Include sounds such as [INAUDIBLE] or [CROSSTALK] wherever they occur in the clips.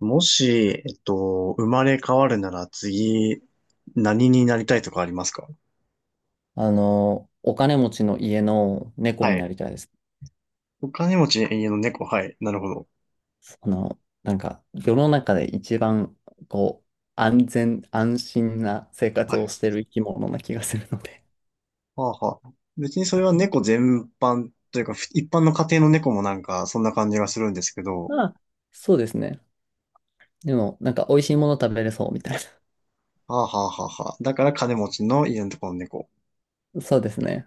もし、生まれ変わるなら次、何になりたいとかありますか？お金持ちの家の猫はにない。りたいです。お金持ち、家の猫、はい。なるほど。なんか、世の中で一番、こう、安全、安心な生は活をい。してる生き物な気がするので。はあはあ。別にそれは猫全般というか、一般の家庭の猫もなんか、そんな感じがするんですけ [LAUGHS] ど、まあ、そうですね。でも、なんか、美味しいもの食べれそうみたいはあはあはあはあ。だから金持ちの家のところの猫。な。[LAUGHS] そうですね。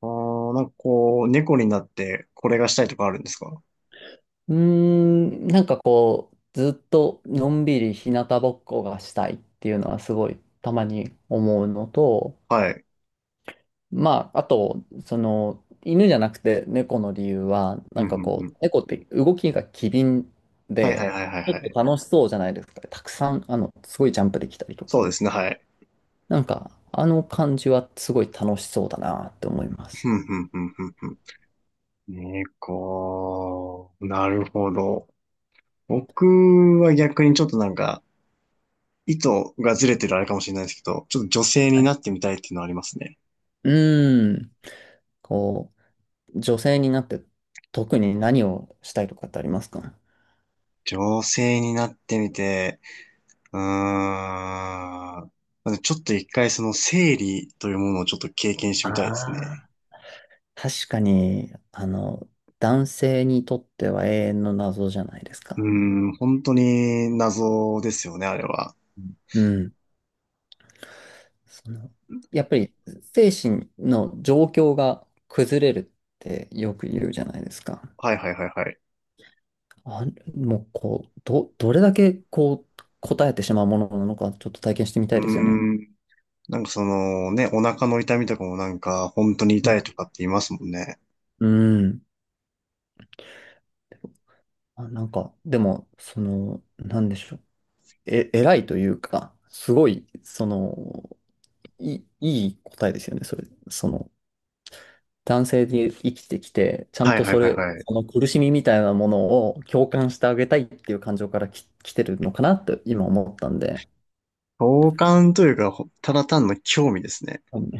あー、なんかこう、猫になってこれがしたいとかあるんですか？なんかこう、ずっとのんびり日向ぼっこがしたいっていうのはすごいたまに思うのと、はい。まあ、あと、その、犬じゃなくて猫の理由は、うなんんかうんうこん。う、猫って動きが機敏はいはいで、はいはいちょはっとい。楽しそうじゃないですか。たくさん、すごいジャンプできたりとそか。うですね、はい。なんか、あの感じはすごい楽しそうだなって思いまふす。んふんふんふんふん。猫。なるほど。僕は逆にちょっとなんか、意図がずれてるあれかもしれないですけど、ちょっと女性にはい。なってみたいっていうのはありますね。うーん。こう、女性になって特に何をしたいとかってありますか？女性になってみて、うーん。まずちょっと一回その生理というものをちょっと経験してあみたいですね。あー。確かに、男性にとっては永遠の謎じゃないですうーか。本当に謎ですよね、あれは。うん。その、やっぱり精神の状況が崩れるってよく言うじゃないですか。はいはいはいはい。あ、もうこう、どれだけこう答えてしまうものなのかちょっと体験してみたういですよね。ーん。なんかそのね、お腹の痛みとかもなんか本当にう痛いん。とかって言いますもんね。うん。なんか、でも、その、なんでしょう。偉いというか、すごい、その、いい答えですよね、それ。その、男性で生きてきて、ちゃんはいとはいそはいれ、はい。その苦しみみたいなものを共感してあげたいっていう感情から来てるのかなって今思ったんで、好感というか、ただ単の興味ですね。うん。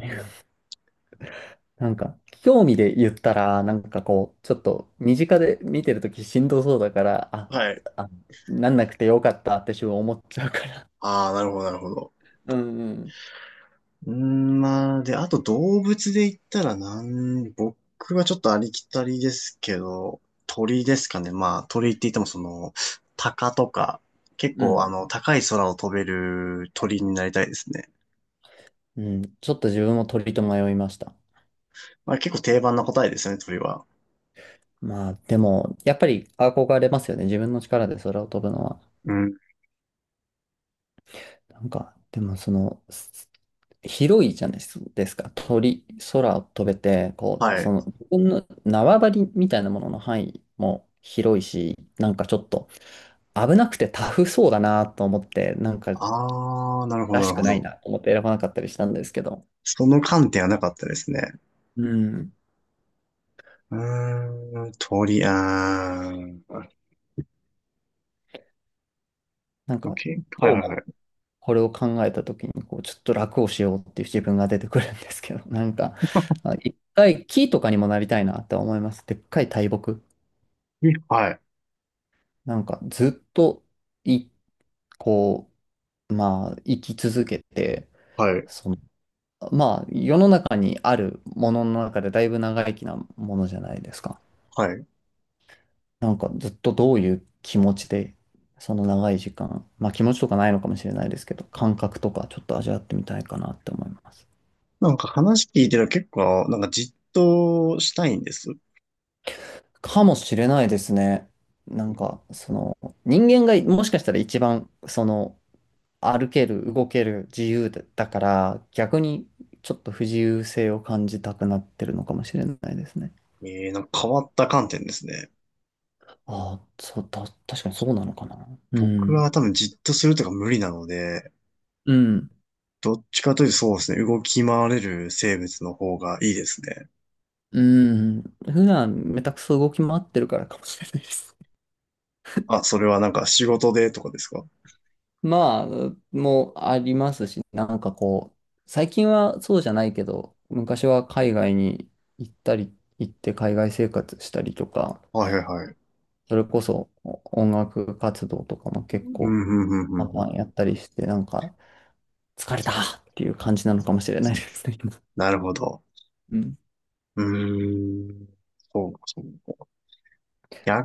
なんか、興味で言ったら、なんかこう、ちょっと身近で見てるときしんどそうだから、はい。あ、なんなくてよかったって自分思っちゃうから。ああ、なるほど、なるほど。うんうん。まあ、で、あと動物で言ったら僕はちょっとありきたりですけど、鳥ですかね。まあ、鳥って言っても鷹とか、結う構ん。高い空を飛べる鳥になりたいですね。うん。ちょっと自分も鳥と迷いました。まあ、結構定番な答えですね、鳥は。まあ、でも、やっぱり憧れますよね。自分の力で空を飛ぶのは。うん。なんか、でもその、広いじゃないですか。鳥、空を飛べて、こう、はい。その、自分の縄張りみたいなものの範囲も広いし、なんかちょっと危なくてタフそうだなと思って、なんかああ、なるほど、らしなるくほないど。なと思って選ばなかったりしたんですけど、その観点はなかったですね。うん。鳥、あー。なん余か、計はいどうはいはも、い。これを考えた時に、こう、ちょっと楽をしようっていう自分が出てくるんですけど、なんか、一回木とかにもなりたいなって思います。でっかい大木。にはい。なんか、ずっと、いこう、まあ、生き続けて、はい。その、まあ、世の中にあるものの中でだいぶ長生きなものじゃないですか。はい。なんかずっとどういう気持ちで、その長い時間、まあ気持ちとかないのかもしれないですけど、感覚とかちょっと味わってみたいかなって思います。なんか話聞いてたら結構、なんかじっとしたいんです。かもしれないですね。なんか、その、人間がもしかしたら一番、その、歩ける、動ける、自由だから、逆にちょっと不自由性を感じたくなってるのかもしれないですね。なんか変わった観点ですね。ああ、そう、確かにそうなのかな。う僕ん。は多分じっとするとか無理なので、うん。どっちかというとそうですね、動き回れる生物の方がいいですね。うん。普段、めたくそ動き回ってるからかもしれないです。あ、それはなんか仕事でとかですか？ [LAUGHS] まあ、もうありますし、なんかこう、最近はそうじゃないけど、昔は海外に行ったり、行って海外生活したりとか、はいはいはい。それこそ音楽活動とかもう結ん、構、うん、うん、うパん。ンうパん、ンやったりして、なんか、疲れたっていう感じなのかもしれないですね。[LAUGHS] 今。なるほど。うん。うーん。そうか、そうか。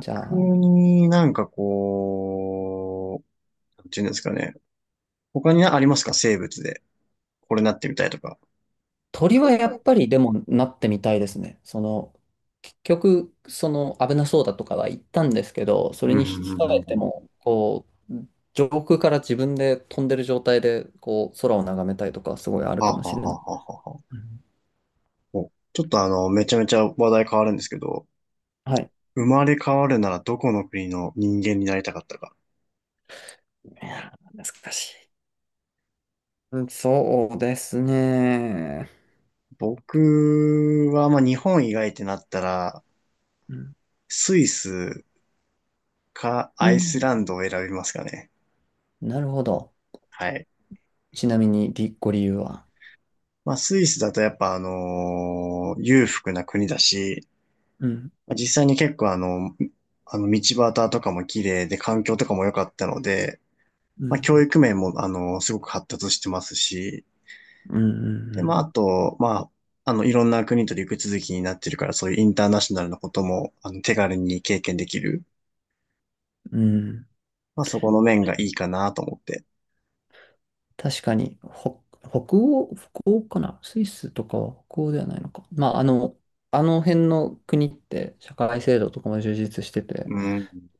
じゃあ、になんかこう、なんていうんですかね。他にありますか、生物で？これなってみたいとか。鳥は鳥やは、っぱりでもなってみたいですね。その、結局、その危なそうだとかは言ったんですけど、そうれに引んうき換んうんえうてん。も、こう、上空から自分で飛んでる状態で、こう、空を眺めたいとか、すごいあるはあかはもあしはれなあい。はあはあはうん。お。ちょっとめちゃめちゃ話題変わるんですけど、はい。生まれ変わるならどこの国の人間になりたかったか。いやー、難しい。うん。そうですね。僕は、まあ、日本以外ってなったら、うん。スイスかうアイスん。ランドを選びますかね。なるほど。はい。ちなみに、ご理由は？まあ、スイスだとやっぱ裕福な国だし、うん、まあ実際に結構あの道端とかも綺麗で環境とかも良かったので、うまあ、ん、教育面も、すごく発達してますし、うん、うで、まあ、あん、と、まあ、いろんな国と陸続きになってるから、そういうインターナショナルなことも、手軽に経験できる。うん。うん。まあ、そこの面がいいかなと思って。確かに、ほ、北欧、北欧かなスイスとかは北欧ではないのか。まあ、あの辺の国って社会制度とかも充実してて、うん。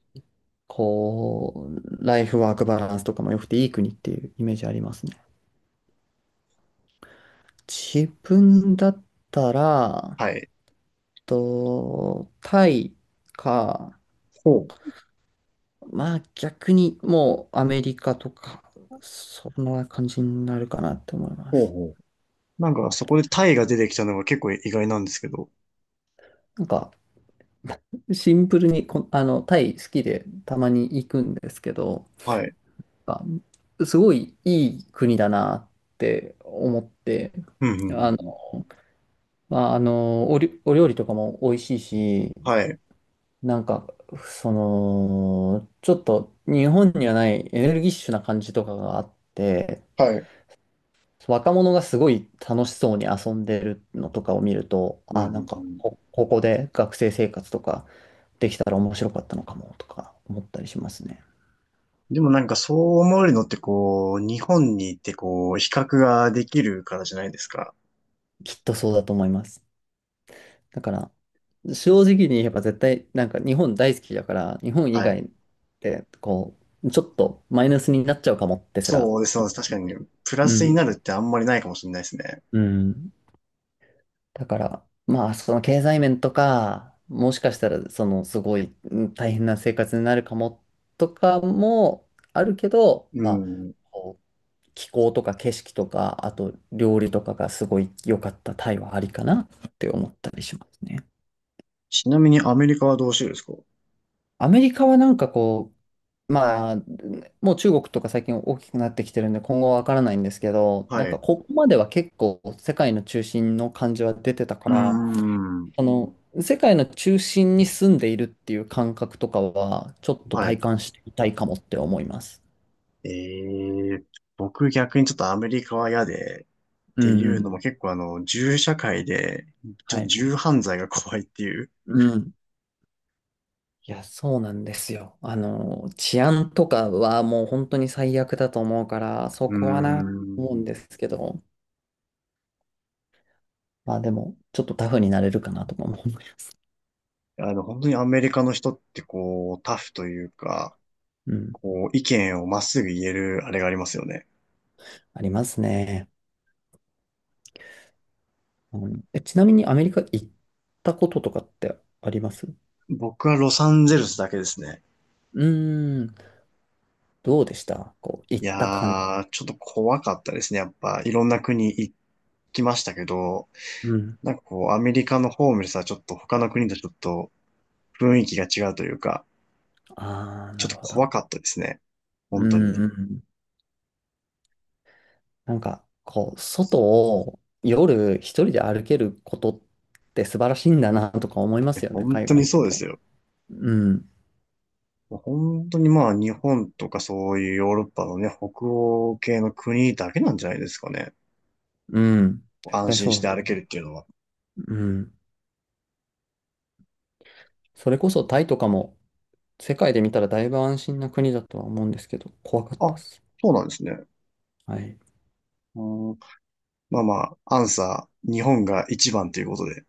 こう、ライフワークバランスとかも良くていい国っていうイメージありますね。自分だったら、はい。タイか、ほう、まあ逆にもうアメリカとか、そんな感じになるかなって思いまほうす。ほう。なんか、そこでタイが出てきたのが結構意外なんですけど。なんか、シンプルにタイ好きでたまに行くんですけど、はい。あすごいいい国だなって思って、うん、うあん、の、うんうん。まあ、お料理とかも美味しいし、はい。なんか、その、ちょっと日本にはないエネルギッシュな感じとかがあって、はい。若者がすごい楽しそうに遊んでるのとかを見ると、うん、うなんん、うか、ん。ここで学生生活とかできたら面白かったのかもとか思ったりしますね。でもなんかそう思えるのってこう、日本に行ってこう、比較ができるからじゃないですか。きっとそうだと思います。だから、正直に言えば絶対、なんか日本大好きだから、日本以はい。外で、こう、ちょっとマイナスになっちゃうかもってすら。そうです、そうです。確かに、プラうスにん。なるってあんまりないかもしれないですね。うん。だから、まあ、その経済面とか、もしかしたら、その、すごい大変な生活になるかもとかもあるけど、うまあ、ん。こう気候とか景色とか、あと料理とかがすごい良かったタイはありかなって思ったりしますね。ちなみにアメリカはどうしてるんですか？アメリカはなんかこう、まあ、もう中国とか最近大きくなってきてるんで、今後はわからないんですけど、はなんい。かうここまでは結構世界の中心の感じは出てたかーら、ん。あの、世界の中心に住んでいるっていう感覚とかは、ちょっとは体い。感してみたいかもって思います。えー、僕逆にちょっとアメリカは嫌で、っうてんういうのん。も結構銃社会で、ちょっはとい。銃犯罪が怖いっていう。うん。いや、そうなんですよ。治安とかはもう本当に最悪だと思うから、うそーこは思うんん。ですけど、まあでも、ちょっとタフになれるかなとかも思います。本当にアメリカの人ってこう、タフというか、うん。こう、意見をまっすぐ言えるあれがありますよね。ありますね。うん、ちなみにアメリカ行ったこととかってありますう？僕はロサンゼルスだけですね。ーん、どうでしたこう、い行った感じ？やー、ちょっと怖かったですね。やっぱ、いろんな国行きましたけど、うん。なんかこう、アメリカのホームレスはちょっと他の国とちょっと雰囲気が違うというか、ああ、ちょなっとるほ怖ど。かったですね。う本当んに。うんいうん。なんか、こう、外を夜一人で歩けることって素晴らしいんだなとか思いまや、すよね、本海当に外行くそうですと。よ。うん、本当にまあ、日本とかそういうヨーロッパのね、北欧系の国だけなんじゃないですかね。うん。絶安対心そうしだてと歩け思るっていうのは。う。うん。それこそタイとかも世界で見たらだいぶ安心な国だとは思うんですけど、怖かったっあ、す。そうなんですね。はい。うん、まあまあ、アンサー、日本が一番ということで。